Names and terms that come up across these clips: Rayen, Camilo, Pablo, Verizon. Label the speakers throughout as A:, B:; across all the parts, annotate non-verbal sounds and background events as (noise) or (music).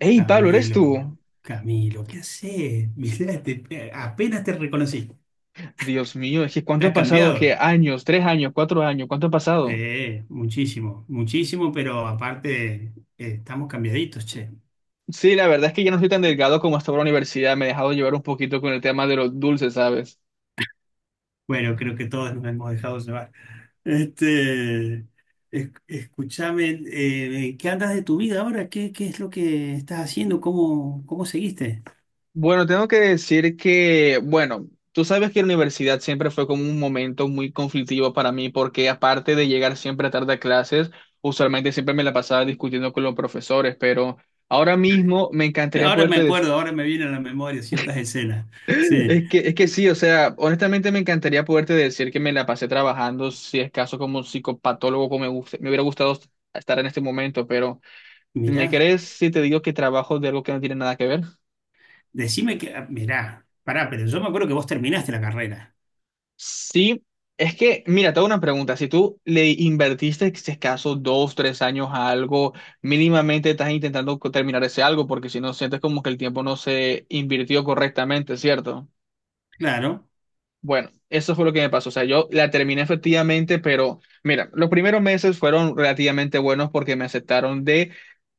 A: Hey, Pablo, ¿eres tú?
B: Camilo, Camilo, ¿qué haces? (laughs) Mirá, apenas te reconocí.
A: Dios mío, es que
B: ¿Te
A: ¿cuánto ha
B: has
A: pasado? ¿Qué
B: cambiado?
A: años? ¿Tres años? ¿Cuatro años? ¿Cuánto ha pasado?
B: Sí, muchísimo, muchísimo, pero aparte estamos cambiaditos, che.
A: Sí, la verdad es que ya no soy tan delgado como estaba en la universidad. Me he dejado llevar un poquito con el tema de los dulces, ¿sabes?
B: Bueno, creo que todos nos hemos dejado llevar. Este, escúchame, ¿qué andas de tu vida ahora? ¿ qué es lo que estás haciendo? ¿ cómo seguiste?
A: Bueno, tengo que decir que, bueno, tú sabes que la universidad siempre fue como un momento muy conflictivo para mí, porque aparte de llegar siempre tarde a clases, usualmente siempre me la pasaba discutiendo con los profesores, pero ahora mismo me encantaría
B: Ahora
A: poder.
B: me acuerdo, ahora me vienen a la memoria ciertas escenas. Sí,
A: Es que sí, o sea, honestamente me encantaría poderte decir que me la pasé trabajando, si es caso como psicopatólogo, como me hubiera gustado estar en este momento, pero ¿me
B: mirá.
A: crees si te digo que trabajo de algo que no tiene nada que ver?
B: Decime que, ah, mirá, pará, pero yo me acuerdo que vos terminaste la carrera.
A: Sí, es que, mira, te hago una pregunta, si tú le invertiste, si es caso, dos, tres años a algo, mínimamente estás intentando terminar ese algo, porque si no, sientes como que el tiempo no se invirtió correctamente, ¿cierto?
B: Claro.
A: Bueno, eso fue lo que me pasó. O sea, yo la terminé efectivamente, pero mira, los primeros meses fueron relativamente buenos porque me aceptaron de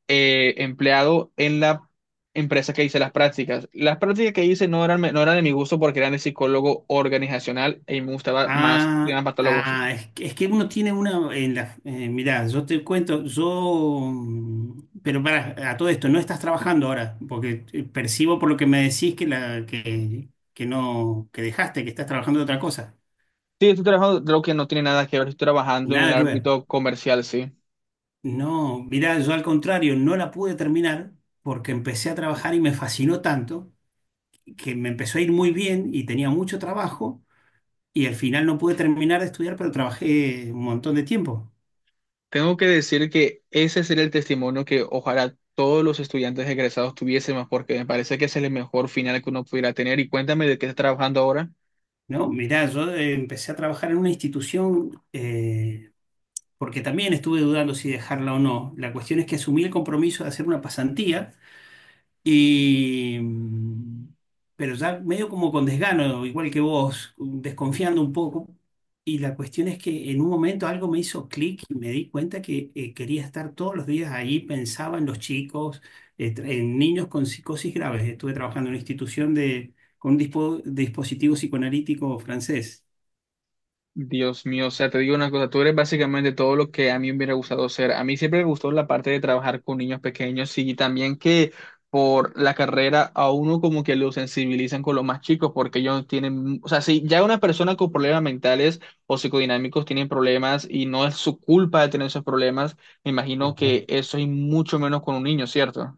A: empleado en la empresa que hice las prácticas. Las prácticas que hice no eran de mi gusto porque eran de psicólogo organizacional y me gustaba más de
B: Ah,
A: más patólogos.
B: ah, es que uno tiene una en la, mirá, yo te cuento, yo, pero para a todo esto, no estás trabajando ahora, porque percibo por lo que me decís que la, que no, que dejaste, que estás trabajando de otra cosa.
A: Sí, estoy trabajando, creo que no tiene nada que ver, estoy trabajando en el
B: Nada que ver.
A: ámbito comercial, sí.
B: No, mirá, yo al contrario, no la pude terminar porque empecé a trabajar y me fascinó tanto que me empezó a ir muy bien y tenía mucho trabajo. Y al final no pude terminar de estudiar, pero trabajé un montón de tiempo,
A: Tengo que decir que ese sería el testimonio que ojalá todos los estudiantes egresados tuviésemos, porque me parece que ese es el mejor final que uno pudiera tener. Y cuéntame de qué estás trabajando ahora.
B: ¿no? Mirá, yo empecé a trabajar en una institución porque también estuve dudando si dejarla o no. La cuestión es que asumí el compromiso de hacer una pasantía. Y, mm, pero ya medio como con desgano, igual que vos, desconfiando un poco. Y la cuestión es que en un momento algo me hizo clic y me di cuenta que quería estar todos los días ahí, pensaba en los chicos, en niños con psicosis graves. Estuve trabajando en una institución de, con un dispositivo psicoanalítico francés.
A: Dios mío, o sea, te digo una cosa, tú eres básicamente todo lo que a mí me hubiera gustado ser. A mí siempre me gustó la parte de trabajar con niños pequeños y también que por la carrera a uno como que lo sensibilizan con los más chicos porque ellos tienen, o sea, si ya una persona con problemas mentales o psicodinámicos tienen problemas y no es su culpa de tener esos problemas, me imagino
B: Claro.
A: que eso es mucho menos con un niño, ¿cierto?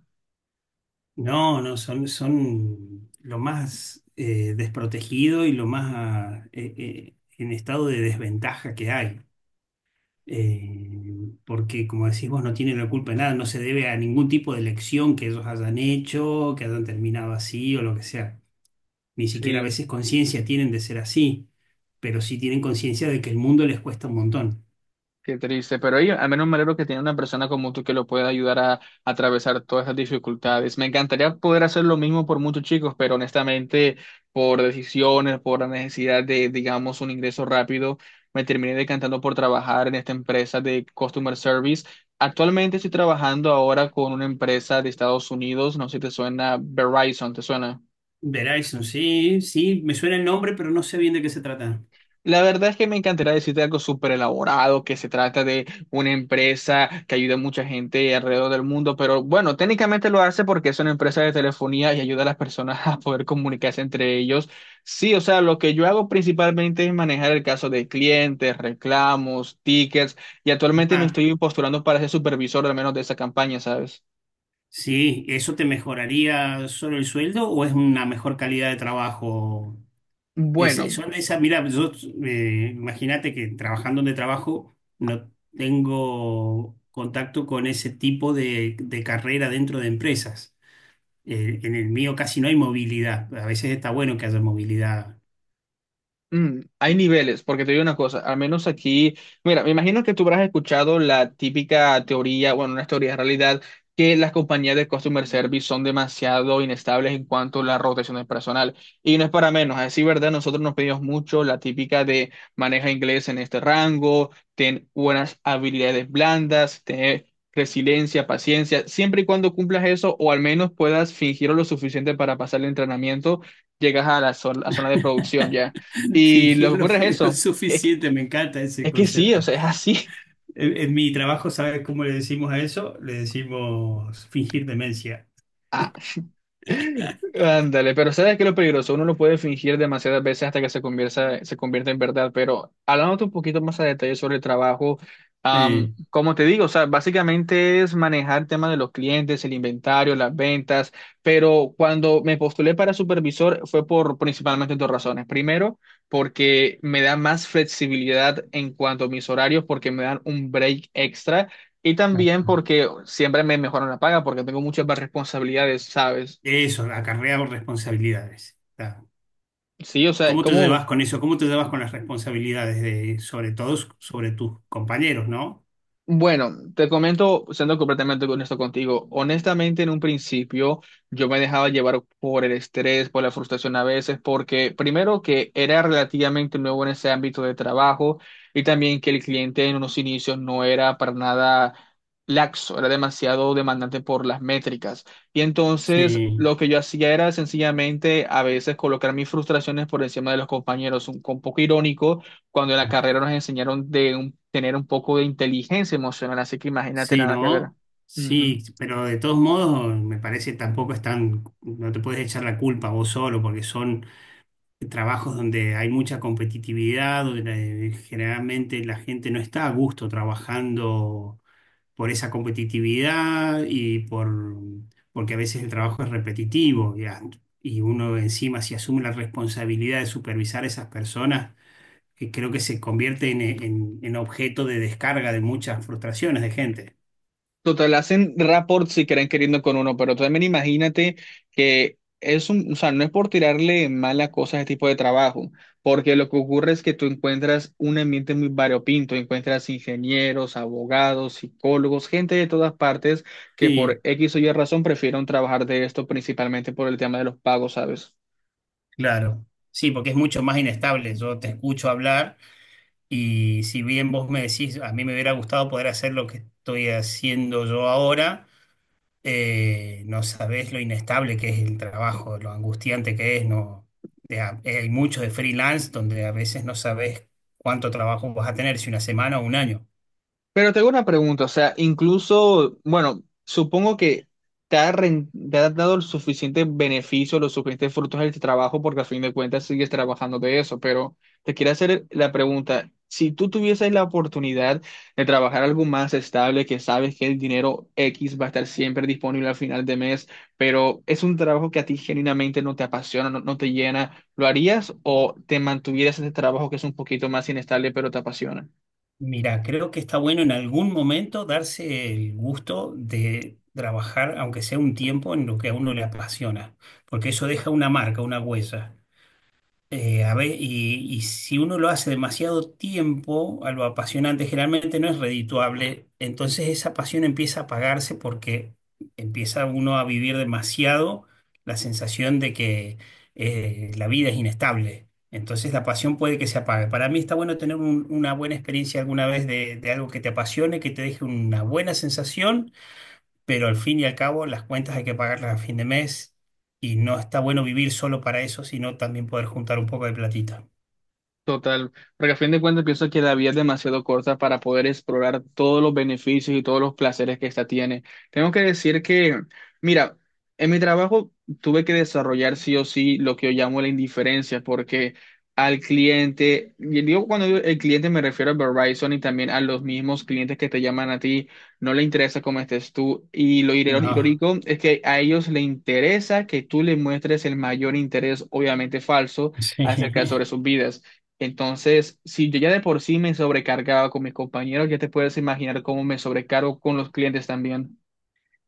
B: No, no, son, son lo más desprotegido y lo más en estado de desventaja que hay. Porque como decís vos, no tienen la culpa de nada, no se debe a ningún tipo de elección que ellos hayan hecho, que hayan terminado así o lo que sea. Ni siquiera a
A: Sí.
B: veces conciencia tienen de ser así, pero sí tienen conciencia de que el mundo les cuesta un montón.
A: Qué triste, pero ahí al menos me alegro que tiene una persona como tú que lo pueda ayudar a atravesar todas esas dificultades. Me encantaría poder hacer lo mismo por muchos chicos, pero honestamente, por decisiones, por la necesidad de, digamos, un ingreso rápido, me terminé decantando por trabajar en esta empresa de customer service. Actualmente estoy trabajando ahora con una empresa de Estados Unidos, no sé si te suena Verizon, ¿te suena?
B: Verizon, sí, sí, me suena el nombre, pero no sé bien de qué se trata.
A: La verdad es que me encantaría decirte algo súper elaborado, que se trata de una empresa que ayuda a mucha gente alrededor del mundo, pero bueno, técnicamente lo hace porque es una empresa de telefonía y ayuda a las personas (laughs) a poder comunicarse entre ellos. Sí, o sea, lo que yo hago principalmente es manejar el caso de clientes, reclamos, tickets, y actualmente me
B: Ajá.
A: estoy postulando para ser supervisor al menos de esa campaña, ¿sabes?
B: Sí, ¿eso te mejoraría solo el sueldo o es una mejor calidad de trabajo? Esa-
A: Bueno.
B: son esas, mira, yo imagínate que trabajando donde trabajo no tengo contacto con ese tipo de carrera dentro de empresas. En el mío casi no hay movilidad. A veces está bueno que haya movilidad.
A: Mm, hay niveles, porque te digo una cosa, al menos aquí, mira, me imagino que tú habrás escuchado la típica teoría, bueno, una teoría de realidad, que las compañías de customer service son demasiado inestables en cuanto a la rotación del personal. Y no es para menos, a decir verdad, nosotros nos pedimos mucho la típica de maneja inglés en este rango, ten buenas habilidades blandas, ten resiliencia, paciencia, siempre y cuando cumplas eso, o al menos puedas fingirlo lo suficiente para pasar el entrenamiento, llegas a la zona, a zona de producción, ¿ya?
B: (laughs)
A: Y lo que
B: Fingirlo
A: ocurre es eso,
B: es
A: que- es que,
B: suficiente, me encanta ese
A: es que sí, o
B: concepto.
A: sea, es así.
B: En mi trabajo, ¿sabes cómo le decimos a eso? Le decimos fingir demencia.
A: (laughs) Ándale, pero ¿sabes qué es lo peligroso? Uno lo puede fingir demasiadas veces hasta que se convierta en verdad, pero hablándote un poquito más a detalle sobre el trabajo,
B: Eh,
A: como te digo, o sea, básicamente es manejar el tema de los clientes, el inventario, las ventas, pero cuando me postulé para supervisor fue por principalmente dos razones. Primero, porque me da más flexibilidad en cuanto a mis horarios, porque me dan un break extra. Y también porque siempre me mejoran la paga, porque tengo muchas más responsabilidades, ¿sabes?
B: eso, acarrea responsabilidades.
A: Sí, o sea, es
B: ¿Cómo te
A: como,
B: llevas con eso? ¿Cómo te llevas con las responsabilidades de, sobre todo, sobre tus compañeros, ¿no?
A: bueno, te comento, siendo completamente honesto contigo, honestamente en un principio yo me dejaba llevar por el estrés, por la frustración a veces, porque primero que era relativamente nuevo en ese ámbito de trabajo y también que el cliente en unos inicios no era para nada laxo, era demasiado demandante por las métricas. Y entonces
B: Sí,
A: lo que yo hacía era sencillamente a veces colocar mis frustraciones por encima de los compañeros, un poco irónico cuando en la carrera nos enseñaron de tener un poco de inteligencia emocional, así que imagínate
B: sí,
A: nada que ver.
B: ¿no?
A: Ujú.
B: Sí, pero de todos modos, me parece tampoco es tan, no te puedes echar la culpa vos solo, porque son trabajos donde hay mucha competitividad, donde generalmente la gente no está a gusto trabajando por esa competitividad y por, porque a veces el trabajo es repetitivo y uno encima si asume la responsabilidad de supervisar a esas personas, que creo que se convierte en, en objeto de descarga de muchas frustraciones de gente.
A: Total, hacen rapport si quieren queriendo con uno, pero también imagínate que es un, o sea, no es por tirarle mala cosa a este tipo de trabajo, porque lo que ocurre es que tú encuentras un ambiente muy variopinto, encuentras ingenieros, abogados, psicólogos, gente de todas partes que por
B: Sí,
A: X o Y razón prefieren trabajar de esto principalmente por el tema de los pagos, ¿sabes?
B: claro. Sí, porque es mucho más inestable. Yo te escucho hablar y si bien vos me decís, a mí me hubiera gustado poder hacer lo que estoy haciendo yo ahora. No sabés lo inestable que es el trabajo, lo angustiante que es, no, de hay mucho de freelance donde a veces no sabés cuánto trabajo vas a tener, si una semana o un año.
A: Pero tengo una pregunta, o sea, incluso, bueno, supongo que te ha dado el suficiente beneficio, los suficientes frutos de este trabajo, porque al fin de cuentas sigues trabajando de eso, pero te quiero hacer la pregunta, si tú tuvieses la oportunidad de trabajar algo más estable, que sabes que el dinero X va a estar siempre disponible al final de mes, pero es un trabajo que a ti genuinamente no te apasiona, no, no te llena, ¿lo harías o te mantuvieras en este trabajo que es un poquito más inestable, pero te apasiona?
B: Mira, creo que está bueno en algún momento darse el gusto de trabajar, aunque sea un tiempo, en lo que a uno le apasiona, porque eso deja una marca, una huella. Y si uno lo hace demasiado tiempo, algo apasionante generalmente no es redituable, entonces esa pasión empieza a apagarse porque empieza uno a vivir demasiado la sensación de que la vida es inestable. Entonces la pasión puede que se apague. Para mí está bueno tener una buena experiencia alguna vez de algo que te apasione, que te deje una buena sensación, pero al fin y al cabo las cuentas hay que pagarlas a fin de mes y no está bueno vivir solo para eso, sino también poder juntar un poco de platita.
A: Total, porque a fin de cuentas pienso que la vida es demasiado corta para poder explorar todos los beneficios y todos los placeres que esta tiene. Tengo que decir que, mira, en mi trabajo tuve que desarrollar sí o sí lo que yo llamo la indiferencia, porque al cliente, y digo cuando digo el cliente me refiero a Verizon y también a los mismos clientes que te llaman a ti, no le interesa cómo estés tú. Y lo
B: No,
A: irónico es que a ellos le interesa que tú le muestres el mayor interés, obviamente falso,
B: (laughs)
A: acerca
B: sí.
A: sobre sus vidas. Entonces, si yo ya de por sí me sobrecargaba con mis compañeros, ya te puedes imaginar cómo me sobrecargo con los clientes también.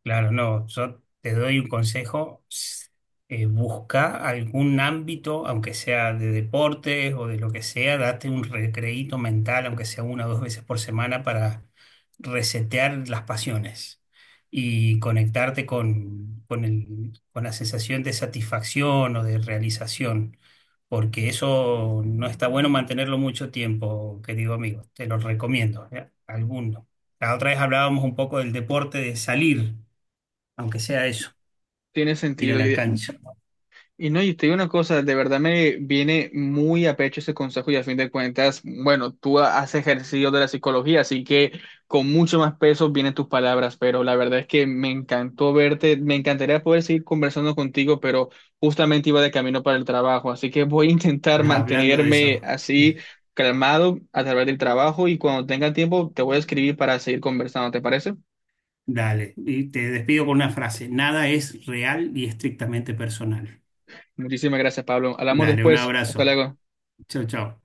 B: Claro, no, yo te doy un consejo, busca algún ámbito, aunque sea de deportes o de lo que sea, date un recreíto mental, aunque sea una o dos veces por semana, para resetear las pasiones y conectarte con con la sensación de satisfacción o de realización, porque eso no está bueno mantenerlo mucho tiempo, querido amigo, te lo recomiendo, ¿eh? Alguno. La otra vez hablábamos un poco del deporte de salir aunque sea eso,
A: Tiene
B: ir a
A: sentido. Yo,
B: la cancha.
A: y no, y te digo una cosa, de verdad me viene muy a pecho ese consejo y a fin de cuentas, bueno, tú has ejercido de la psicología, así que con mucho más peso vienen tus palabras, pero la verdad es que me encantó verte, me encantaría poder seguir conversando contigo, pero justamente iba de camino para el trabajo, así que voy a intentar
B: (laughs) Hablando de
A: mantenerme
B: eso,
A: así calmado a través del trabajo y cuando tenga tiempo te voy a escribir para seguir conversando, ¿te parece?
B: dale. Y te despido con una frase. Nada es real y estrictamente personal.
A: Muchísimas gracias, Pablo. Hablamos
B: Dale, un
A: después. Hasta
B: abrazo.
A: luego.
B: Chau, chau.